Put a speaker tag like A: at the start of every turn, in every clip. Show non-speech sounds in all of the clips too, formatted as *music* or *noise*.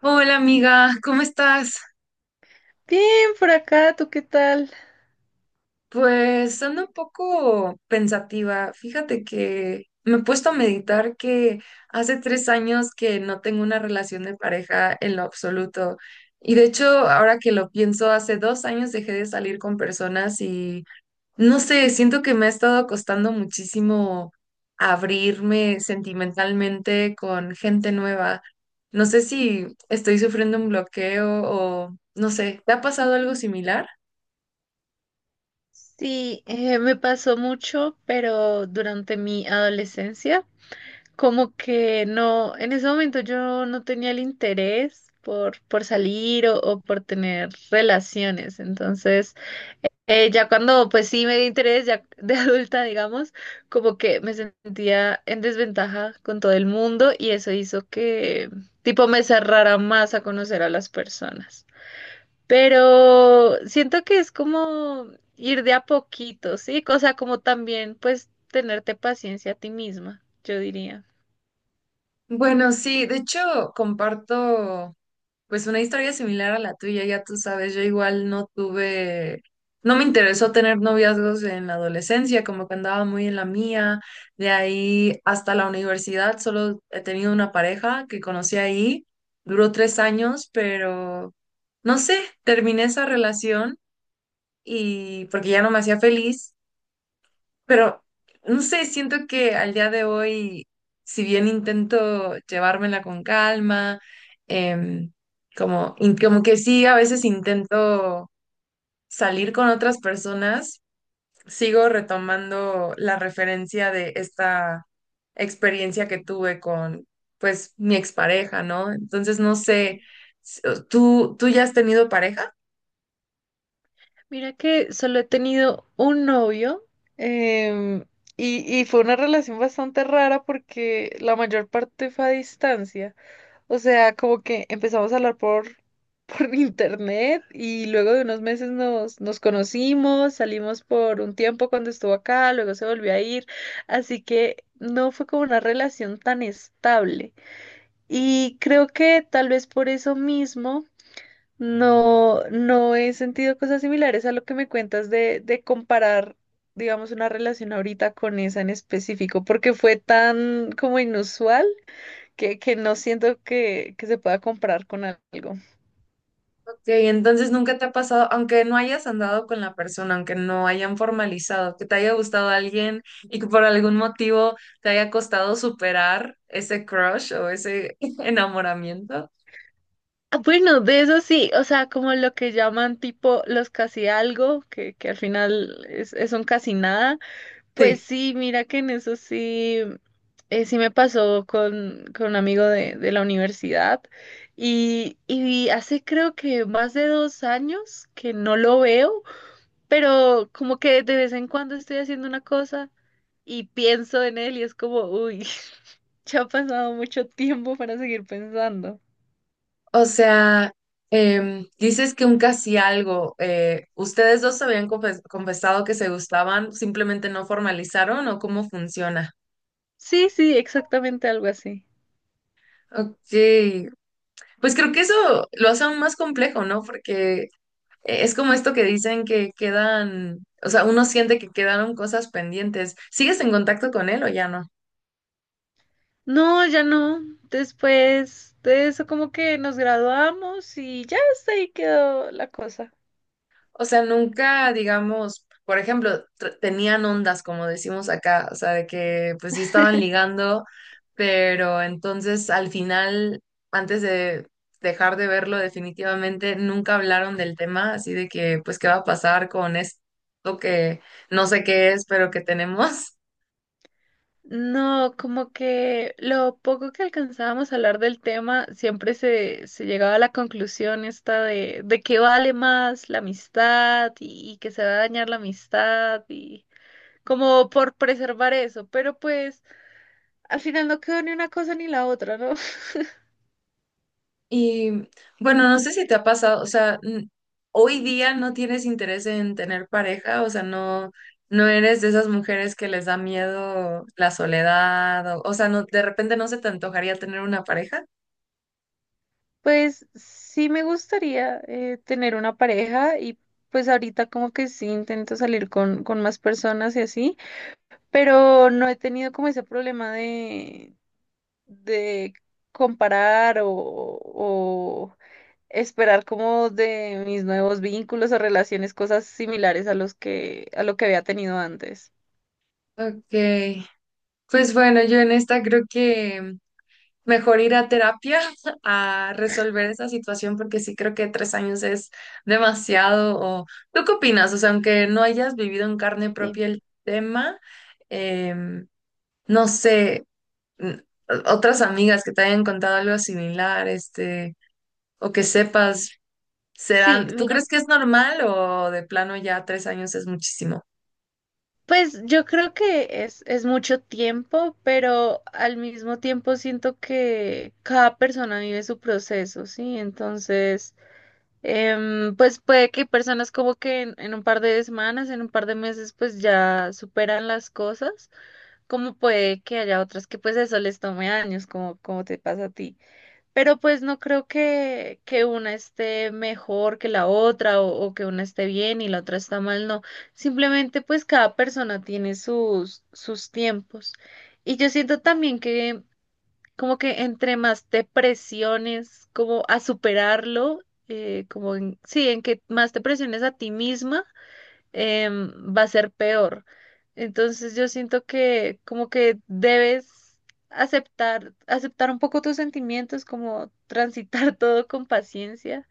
A: Hola amiga, ¿cómo estás?
B: Bien, por acá, ¿tú qué tal?
A: Pues ando un poco pensativa. Fíjate que me he puesto a meditar que hace 3 años que no tengo una relación de pareja en lo absoluto. Y de hecho, ahora que lo pienso, hace 2 años dejé de salir con personas y no sé, siento que me ha estado costando muchísimo abrirme sentimentalmente con gente nueva. No sé si estoy sufriendo un bloqueo o no sé, ¿te ha pasado algo similar?
B: Sí, me pasó mucho, pero durante mi adolescencia, como que no, en ese momento yo no tenía el interés por salir o por tener relaciones. Entonces, ya cuando pues sí me di interés, ya de *laughs* adulta, digamos, como que me sentía en desventaja con todo el mundo y eso hizo que tipo me cerrara más a conocer a las personas. Pero siento que es como ir de a poquito, ¿sí? O sea, como también, pues, tenerte paciencia a ti misma, yo diría.
A: Bueno, sí, de hecho comparto pues una historia similar a la tuya, ya tú sabes, yo igual no tuve, no me interesó tener noviazgos en la adolescencia, como que andaba muy en la mía, de ahí hasta la universidad solo he tenido una pareja que conocí ahí, duró 3 años, pero no sé, terminé esa relación y porque ya no me hacía feliz. Pero no sé, siento que al día de hoy, si bien intento llevármela con calma, em, como que sí, a veces intento salir con otras personas, sigo retomando la referencia de esta experiencia que tuve con, pues, mi expareja, ¿no? Entonces, no sé, s- ¿tú ya has tenido pareja?
B: Mira que solo he tenido un novio, em, y fue una relación bastante rara porque la mayor parte fue a distancia. O sea, como que empezamos a hablar por *laughs* internet y luego de unos meses nos conocimos, salimos por un tiempo cuando estuvo acá, luego se volvió a ir, así que no fue como una relación tan estable. Y creo que tal vez por eso mismo no he sentido cosas similares a lo que me cuentas de comparar, digamos, una relación ahorita con esa en específico, porque fue tan como inusual que no siento que se pueda comprar con algo.
A: Ok, entonces nunca te ha pasado, aunque no hayas andado con la persona, aunque no hayan formalizado, que te haya gustado alguien y que por algún motivo te haya costado superar ese crush o ese *laughs* enamoramiento.
B: Ah, bueno, de eso sí, o sea, como lo que llaman tipo los casi algo, que al final es un casi nada, pues
A: Sí,
B: sí, mira que en eso sí, sí me pasó con un amigo de la universidad y hace creo que más de dos años que no lo veo, pero como que de vez en cuando estoy haciendo una cosa y pienso en él y es como, uy, *laughs* ya ha pasado mucho tiempo para seguir pensando.
A: o sea, dices que un casi algo, ¿ustedes dos se habían confesado que se gustaban, simplemente no formalizaron o cómo funciona?
B: Sí, sí, exactamente algo así.
A: Ok, pues creo que eso lo hace aún más complejo, ¿no? Porque es como esto que dicen que quedan, o sea, uno siente que quedaron cosas pendientes. ¿Sigues en contacto con él o ya no?
B: No, ya no. Después de eso como que nos graduamos y ya hasta ahí quedó la cosa.
A: O sea, nunca, digamos, por ejemplo, tenían ondas, como decimos acá, o sea, de que pues sí estaban ligando, pero entonces al final, antes de dejar de verlo definitivamente, nunca hablaron del tema, así de que pues qué va a pasar con esto que no sé qué es, pero que tenemos.
B: No, como que lo poco que alcanzábamos a hablar del tema, siempre se llegaba a la conclusión esta de que vale más la amistad y que se va a dañar la amistad y como por preservar eso, pero pues al final no quedó ni una cosa ni la otra, ¿no? *laughs*
A: Y bueno, no sé si te ha pasado, o sea, hoy día no tienes interés en tener pareja, o sea, no, no eres de esas mujeres que les da miedo la soledad, o sea, no, de repente no se te antojaría tener una pareja.
B: Pues sí me gustaría, tener una pareja y pues ahorita como que sí intento salir con más personas y así, pero no he tenido como ese problema de comparar o esperar como de mis nuevos vínculos o relaciones cosas similares a los que a lo que había tenido antes.
A: Ok, pues bueno, yo en esta creo que mejor ir a terapia *laughs* a resolver esa situación porque sí creo que 3 años es demasiado. O, ¿tú qué opinas? O sea, aunque no hayas vivido en carne
B: Sí.
A: propia el tema. em, no sé, n- otras amigas que te hayan contado algo similar, este, o que sepas,
B: Sí,
A: serán, ¿tú crees
B: mira,
A: que es normal o de plano ya 3 años es muchísimo?
B: pues yo creo que es mucho tiempo, pero al mismo tiempo siento que cada persona vive su proceso, ¿sí? Entonces, pues puede que personas como que en un par de semanas, en un par de meses, pues ya superan las cosas, como puede que haya otras que pues eso les tome años, como, como te pasa a ti. Pero pues no creo que una esté mejor que la otra o que una esté bien y la otra está mal, no. Simplemente pues cada persona tiene sus tiempos. Y yo siento también que como que entre más te presiones como a superarlo, como en, sí, en que más te presiones a ti misma, va a ser peor. Entonces yo siento que como que debes aceptar un poco tus sentimientos, como transitar *laughs* todo con paciencia.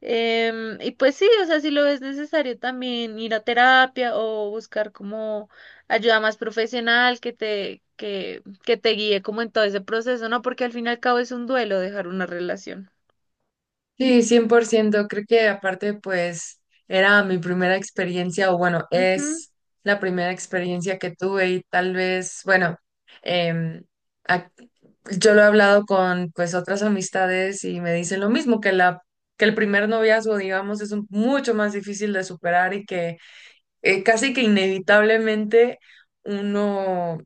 B: Y pues sí, o sea, si lo ves necesario también ir a terapia o buscar como ayuda más profesional que te, que te guíe como en todo ese proceso, ¿no? Porque al fin y al cabo es un duelo dejar una relación.
A: Sí, 100% creo que aparte pues era mi primera experiencia o bueno,
B: Ujú.
A: es la primera experiencia que tuve y tal vez, bueno, em, ac- yo lo he hablado con pues otras amistades y me dicen lo mismo, que el primer noviazgo, digamos, es mucho más difícil de superar y que casi que inevitablemente uno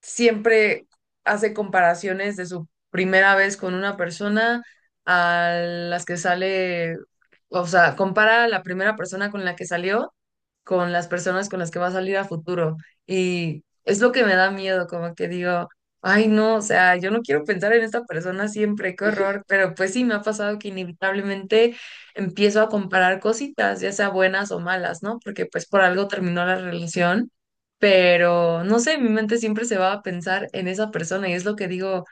A: siempre hace comparaciones de su primera vez con una persona a las que sale, o sea, compara a la primera persona con la que salió con las personas con las que va a salir a futuro. Y es lo que me da miedo, como que digo, ay, no, o sea, yo no quiero pensar en esta persona siempre, qué horror, pero pues sí, me ha pasado que inevitablemente empiezo a comparar cositas, ya sea buenas o malas, ¿no? Porque pues por algo terminó la relación, pero no sé, mi mente siempre se va a pensar en esa persona y es lo que digo,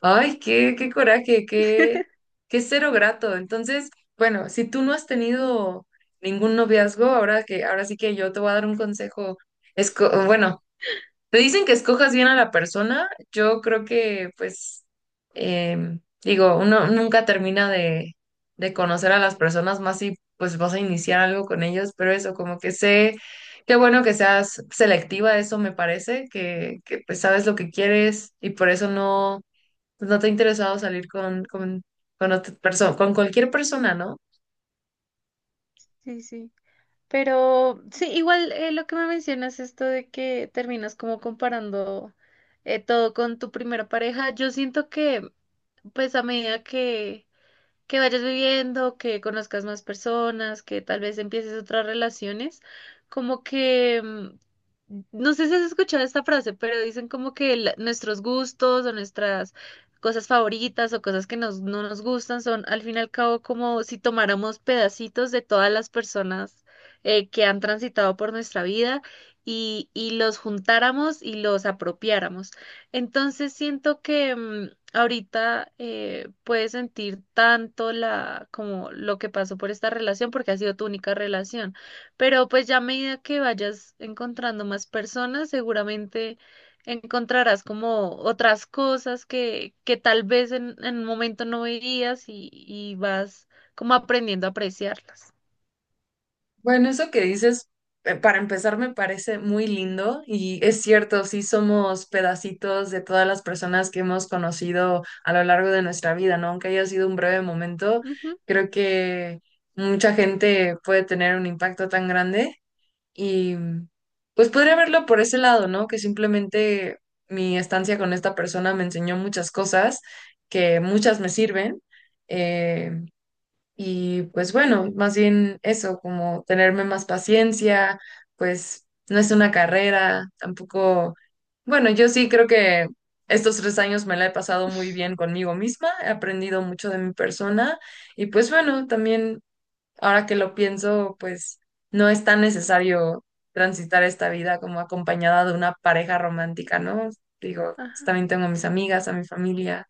A: ay, qué, qué coraje, qué, qué cero grato. Entonces, bueno, si tú no has tenido ningún noviazgo, ahora que, ahora sí que yo te voy a dar un consejo. Es, bueno, te dicen que escojas bien a la persona, yo creo que, pues, digo, uno nunca termina de conocer a las personas más si, pues, vas a iniciar algo con ellos, pero eso, como que sé, qué bueno que seas selectiva, eso me parece, que pues, sabes lo que quieres y por eso no, pues, no te ha interesado salir con con cualquier persona, ¿no?
B: Sí, sí. Pero sí, igual lo que me mencionas, esto de que terminas como comparando, todo con tu primera pareja, yo siento que pues a medida que vayas viviendo, que conozcas más personas, que tal vez empieces otras relaciones, como que no sé si has escuchado esta frase, pero dicen como que la- nuestros gustos o nuestras cosas favoritas o cosas que nos, no nos gustan son al fin y al cabo como si tomáramos pedacitos de todas las personas, que han transitado por nuestra vida y los juntáramos y los apropiáramos. Entonces siento que ahorita puedes sentir tanto la, como lo que pasó por esta relación porque ha sido tu única relación. Pero pues ya a medida que vayas encontrando más personas, seguramente encontrarás como otras cosas que tal vez en un momento no veías y vas como aprendiendo a apreciarlas.
A: Bueno, eso que dices, para empezar, me parece muy lindo y es cierto, sí somos pedacitos de todas las personas que hemos conocido a lo largo de nuestra vida, ¿no? Aunque haya sido un breve momento,
B: Ujú.
A: creo que mucha gente puede tener un impacto tan grande y pues podría verlo por ese lado, ¿no? Que simplemente mi estancia con esta persona me enseñó muchas cosas que muchas me sirven. eh, y pues bueno, más bien eso, como tenerme más paciencia, pues no es una carrera, tampoco, bueno, yo sí creo que estos 3 años me la he pasado muy bien conmigo misma, he aprendido mucho de mi persona y pues bueno, también ahora que lo pienso, pues no es tan necesario transitar esta vida como acompañada de una pareja romántica, ¿no? Digo, pues,
B: Ajá.
A: también tengo a mis amigas, a mi familia,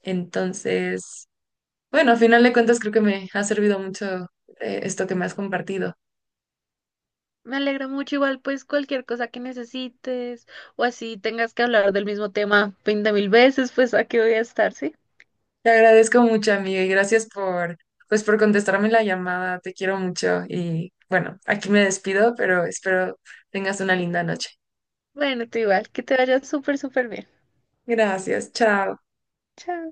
A: entonces... Bueno, a final de cuentas creo que me ha servido mucho esto que me has compartido.
B: Me alegra mucho, igual pues cualquier cosa que necesites o así tengas que hablar del mismo tema 20.000 veces, pues aquí voy a estar, ¿sí?
A: Te agradezco mucho, amiga, y gracias por, pues, por contestarme la llamada. Te quiero mucho y bueno, aquí me despido, pero espero tengas una linda noche.
B: Bueno, tú igual, que te vaya súper, súper bien.
A: Gracias, chao.
B: Chao.